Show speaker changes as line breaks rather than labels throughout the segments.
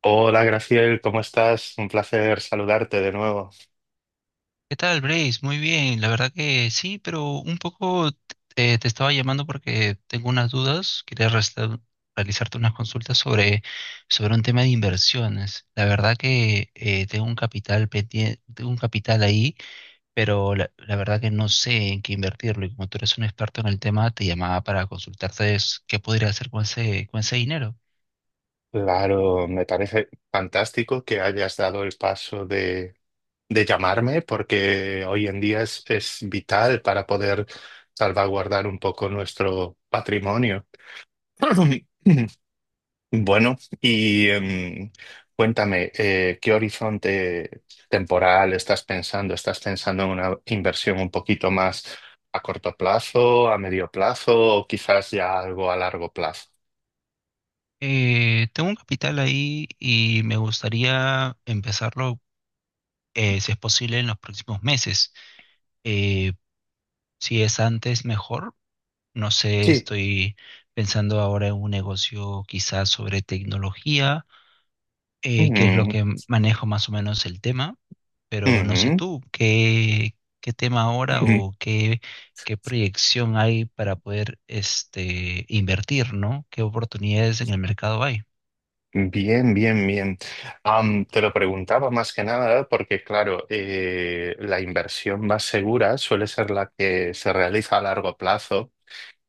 Hola Graciel, ¿cómo estás? Un placer saludarte de nuevo.
¿Qué tal, Brace? Muy bien, la verdad que sí, pero un poco te estaba llamando porque tengo unas dudas. Realizarte unas consultas sobre un tema de inversiones. La verdad que tengo un tengo un capital ahí, pero la verdad que no sé en qué invertirlo. Y como tú eres un experto en el tema, te llamaba para consultarte es qué podría hacer con con ese dinero.
Claro, me parece fantástico que hayas dado el paso de llamarme porque hoy en día es vital para poder salvaguardar un poco nuestro patrimonio. Bueno, cuéntame, ¿qué horizonte temporal estás pensando? ¿Estás pensando en una inversión un poquito más a corto plazo, a medio plazo o quizás ya algo a largo plazo?
Tengo un capital ahí y me gustaría empezarlo, si es posible, en los próximos meses. Eh, si es antes, mejor. No sé,
Sí.
estoy pensando ahora en un negocio quizás sobre tecnología, que es lo
Mm.
que manejo más o menos el tema, pero no sé
Ujú.
tú, qué tema ahora o qué proyección hay para poder este, invertir, ¿no? ¿Qué oportunidades en el mercado hay?
Bien, bien, bien. Te lo preguntaba más que nada porque, claro, la inversión más segura suele ser la que se realiza a largo plazo.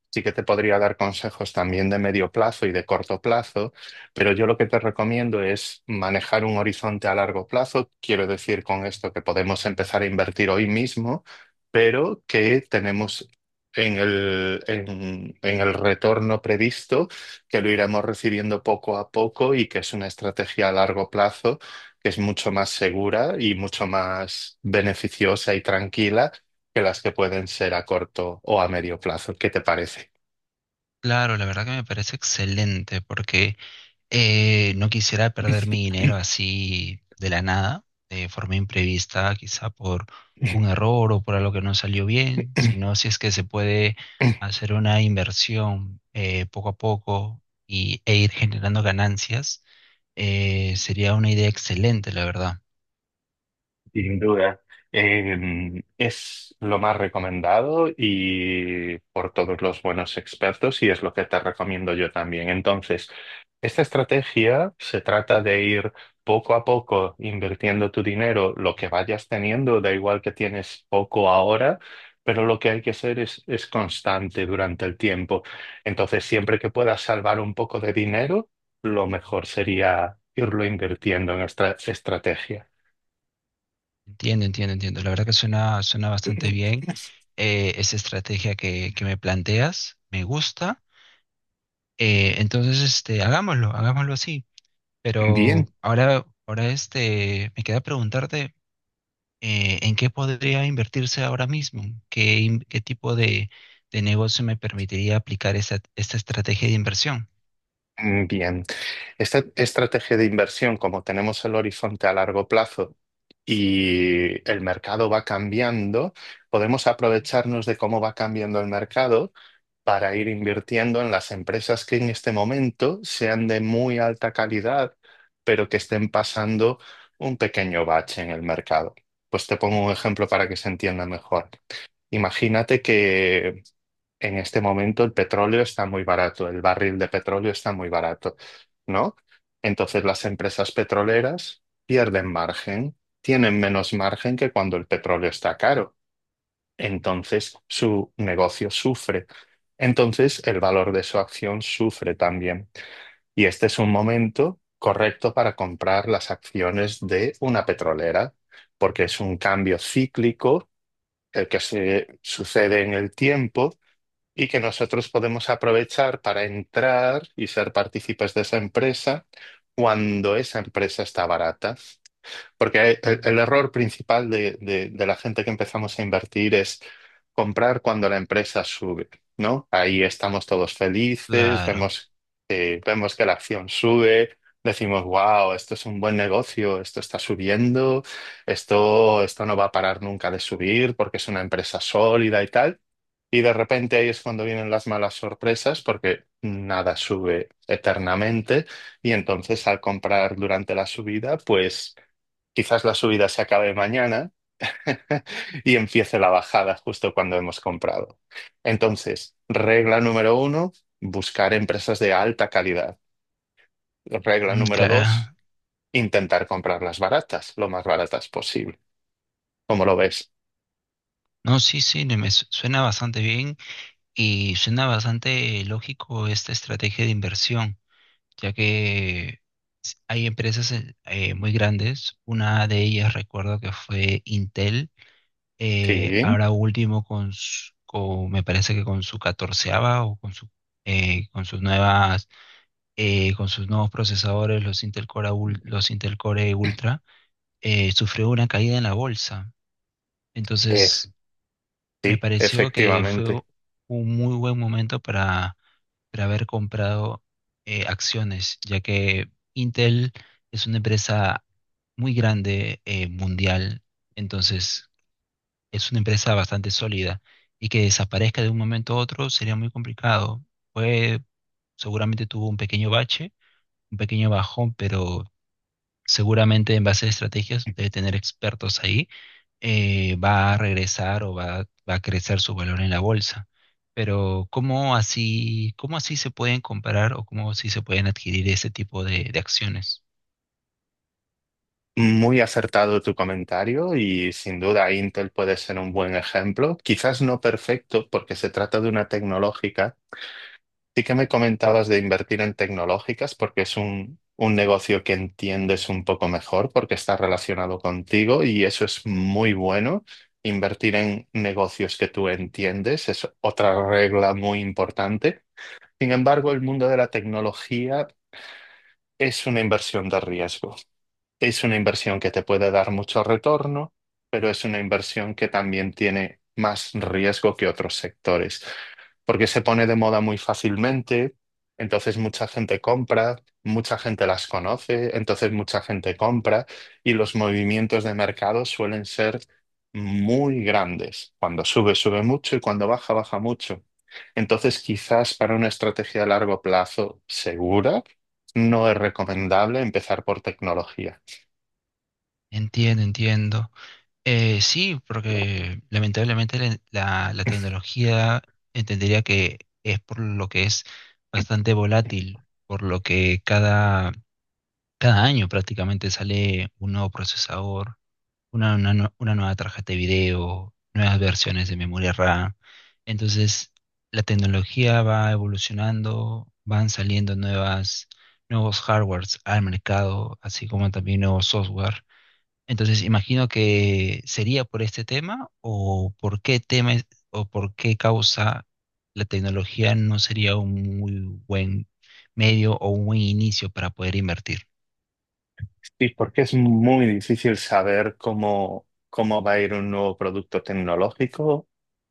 Sí que te podría dar consejos también de medio plazo y de corto plazo, pero yo lo que te recomiendo es manejar un horizonte a largo plazo. Quiero decir con esto que podemos empezar a invertir hoy mismo, pero que tenemos en el retorno previsto, que lo iremos recibiendo poco a poco y que es una estrategia a largo plazo que es mucho más segura y mucho más beneficiosa y tranquila que las que pueden ser a corto o a medio plazo. ¿Qué te parece?
Claro, la verdad que me parece excelente porque no quisiera perder mi dinero así de la nada, de forma imprevista, quizá por un error o por algo que no salió bien, sino si es que se puede hacer una inversión poco a poco y, e ir generando ganancias, sería una idea excelente, la verdad.
Sin duda, es lo más recomendado y por todos los buenos expertos y es lo que te recomiendo yo también. Entonces, esta estrategia se trata de ir poco a poco invirtiendo tu dinero, lo que vayas teniendo, da igual que tienes poco ahora, pero lo que hay que hacer es constante durante el tiempo. Entonces, siempre que puedas salvar un poco de dinero, lo mejor sería irlo invirtiendo en esta estrategia.
Entiendo, entiendo, entiendo. La verdad que suena bastante bien esa estrategia que me planteas, me gusta. Entonces, este, hagámoslo así. Pero
Bien.
ahora este, me queda preguntarte en qué podría invertirse ahora mismo, qué, qué tipo de negocio me permitiría aplicar esta estrategia de inversión.
Mm, bien. Esta estrategia de inversión, como tenemos el horizonte a largo plazo y el mercado va cambiando, podemos aprovecharnos de cómo va cambiando el mercado para ir invirtiendo en las empresas que en este momento sean de muy alta calidad, pero que estén pasando un pequeño bache en el mercado. Pues te pongo un ejemplo para que se entienda mejor. Imagínate que en este momento el petróleo está muy barato, el barril de petróleo está muy barato, ¿no? Entonces las empresas petroleras pierden margen, tienen menos margen que cuando el petróleo está caro. Entonces su negocio sufre. Entonces el valor de su acción sufre también. Y este es un momento correcto para comprar las acciones de una petrolera, porque es un cambio cíclico el que se sucede en el tiempo y que nosotros podemos aprovechar para entrar y ser partícipes de esa empresa cuando esa empresa está barata. Porque el error principal de la gente que empezamos a invertir es comprar cuando la empresa sube, ¿no? Ahí estamos todos felices,
Claro,
vemos, vemos que la acción sube, decimos, wow, esto es un buen negocio, esto está subiendo, esto no va a parar nunca de subir porque es una empresa sólida y tal. Y de repente ahí es cuando vienen las malas sorpresas porque nada sube eternamente y entonces al comprar durante la subida, pues quizás la subida se acabe mañana y empiece la bajada justo cuando hemos comprado. Entonces, regla número uno, buscar empresas de alta calidad. Regla
mm,
número dos,
claro.
intentar comprarlas baratas, lo más baratas posible. ¿Cómo lo ves?
No, sí, sí, no, suena bastante bien y suena bastante lógico esta estrategia de inversión, ya que s- hay empresas muy grandes. Una de ellas recuerdo que fue Intel
Sí,
ahora último me parece que con su catorceava o con su con sus nuevas con sus nuevos procesadores los Intel Core Ultra, sufrió una caída en la bolsa.
eh,
Entonces me
sí,
pareció que fue
efectivamente.
un muy buen momento para haber comprado acciones, ya que Intel es una empresa muy grande, mundial. Entonces es una empresa bastante sólida y que desaparezca de un momento a otro sería muy complicado. Fue, seguramente tuvo un pequeño bache, un pequeño bajón, pero seguramente en base a estrategias de tener expertos ahí, va a regresar o va a crecer su valor en la bolsa. Pero cómo así se pueden comparar o cómo así se pueden adquirir ese tipo de acciones?
Muy acertado tu comentario y sin duda Intel puede ser un buen ejemplo. Quizás no perfecto porque se trata de una tecnológica. Sí que me comentabas de invertir en tecnológicas porque es un negocio que entiendes un poco mejor porque está relacionado contigo y eso es muy bueno. Invertir en negocios que tú entiendes es otra regla muy importante. Sin embargo, el mundo de la tecnología es una inversión de riesgo. Es una inversión que te puede dar mucho retorno, pero es una inversión que también tiene más riesgo que otros sectores, porque se pone de moda muy fácilmente, entonces mucha gente compra, mucha gente las conoce, entonces mucha gente compra y los movimientos de mercado suelen ser muy grandes. Cuando sube, sube mucho y cuando baja, baja mucho. Entonces, quizás para una estrategia a largo plazo segura, no es recomendable empezar por tecnología.
Entiendo, entiendo. Sí, porque lamentablemente la tecnología, entendería que es por lo que es bastante volátil, por lo que cada año prácticamente sale un nuevo procesador, una nueva tarjeta de video, nuevas versiones de memoria RAM. Entonces, la tecnología va evolucionando, van saliendo nuevos hardwares al mercado, así como también nuevos software. Entonces, imagino que sería por este tema o por qué tema o por qué causa la tecnología no sería un muy buen medio o un buen inicio para poder invertir.
Sí, porque es muy difícil saber cómo, cómo va a ir un nuevo producto tecnológico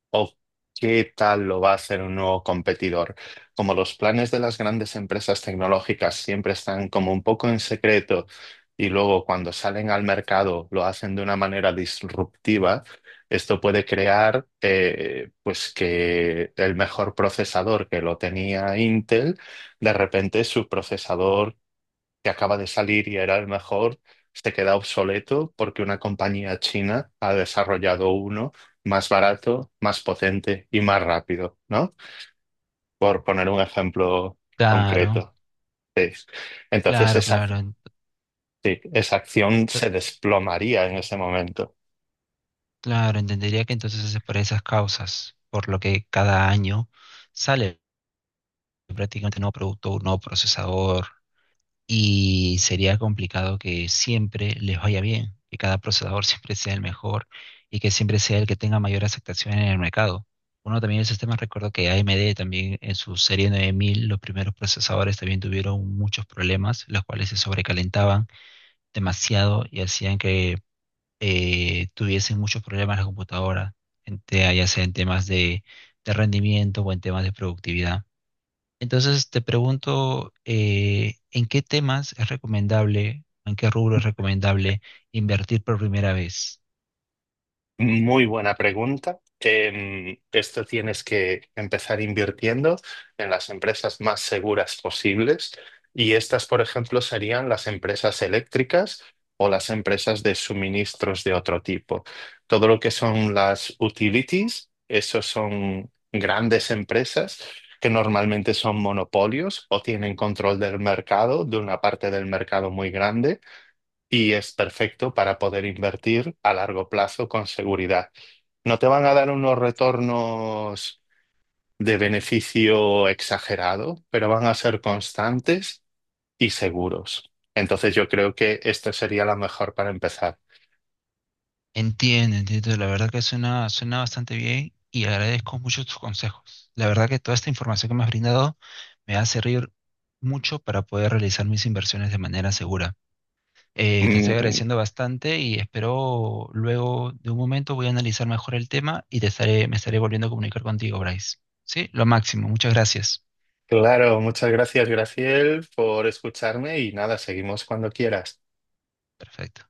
o qué tal lo va a hacer un nuevo competidor. Como los planes de las grandes empresas tecnológicas siempre están como un poco en secreto y luego cuando salen al mercado lo hacen de una manera disruptiva, esto puede crear pues que el mejor procesador que lo tenía Intel, de repente su procesador que acaba de salir y era el mejor, se queda obsoleto porque una compañía china ha desarrollado uno más barato, más potente y más rápido, ¿no? Por poner un ejemplo
Claro,
concreto. Sí. Entonces
claro,
esa,
claro,
sí, esa acción se desplomaría en ese momento.
claro, entendería que entonces es por esas causas, por lo que cada año sale prácticamente un nuevo producto, un nuevo procesador, y sería complicado que siempre les vaya bien, que cada procesador siempre sea el mejor y que siempre sea el que tenga mayor aceptación en el mercado. Uno también el sistema, recuerdo que AMD también en su serie 9000 los primeros procesadores también tuvieron muchos problemas, los cuales se sobrecalentaban demasiado y hacían que tuviesen muchos problemas la computadora, en ya sea en temas de rendimiento o en temas de productividad. Entonces te pregunto, ¿en qué temas es recomendable, en qué rubro es recomendable invertir por primera vez?
Muy buena pregunta. Esto tienes que empezar invirtiendo en las empresas más seguras posibles y estas, por ejemplo, serían las empresas eléctricas o las empresas de suministros de otro tipo. Todo lo que son las utilities, esos son grandes empresas que normalmente son monopolios o tienen control del mercado, de una parte del mercado muy grande y es perfecto para poder invertir a largo plazo con seguridad. No te van a dar unos retornos de beneficio exagerado, pero van a ser constantes y seguros. Entonces yo creo que esto sería la mejor para empezar.
Entiendo, entiendo. La verdad que suena bastante bien y agradezco mucho tus consejos. La verdad que toda esta información que me has brindado me hace servir mucho para poder realizar mis inversiones de manera segura. Te estoy
Mm,
agradeciendo bastante y espero luego de un momento voy a analizar mejor el tema y te me estaré volviendo a comunicar contigo, Bryce. Sí, lo máximo. Muchas gracias.
claro, muchas gracias, Graciel, por escucharme y nada, seguimos cuando quieras.
Perfecto.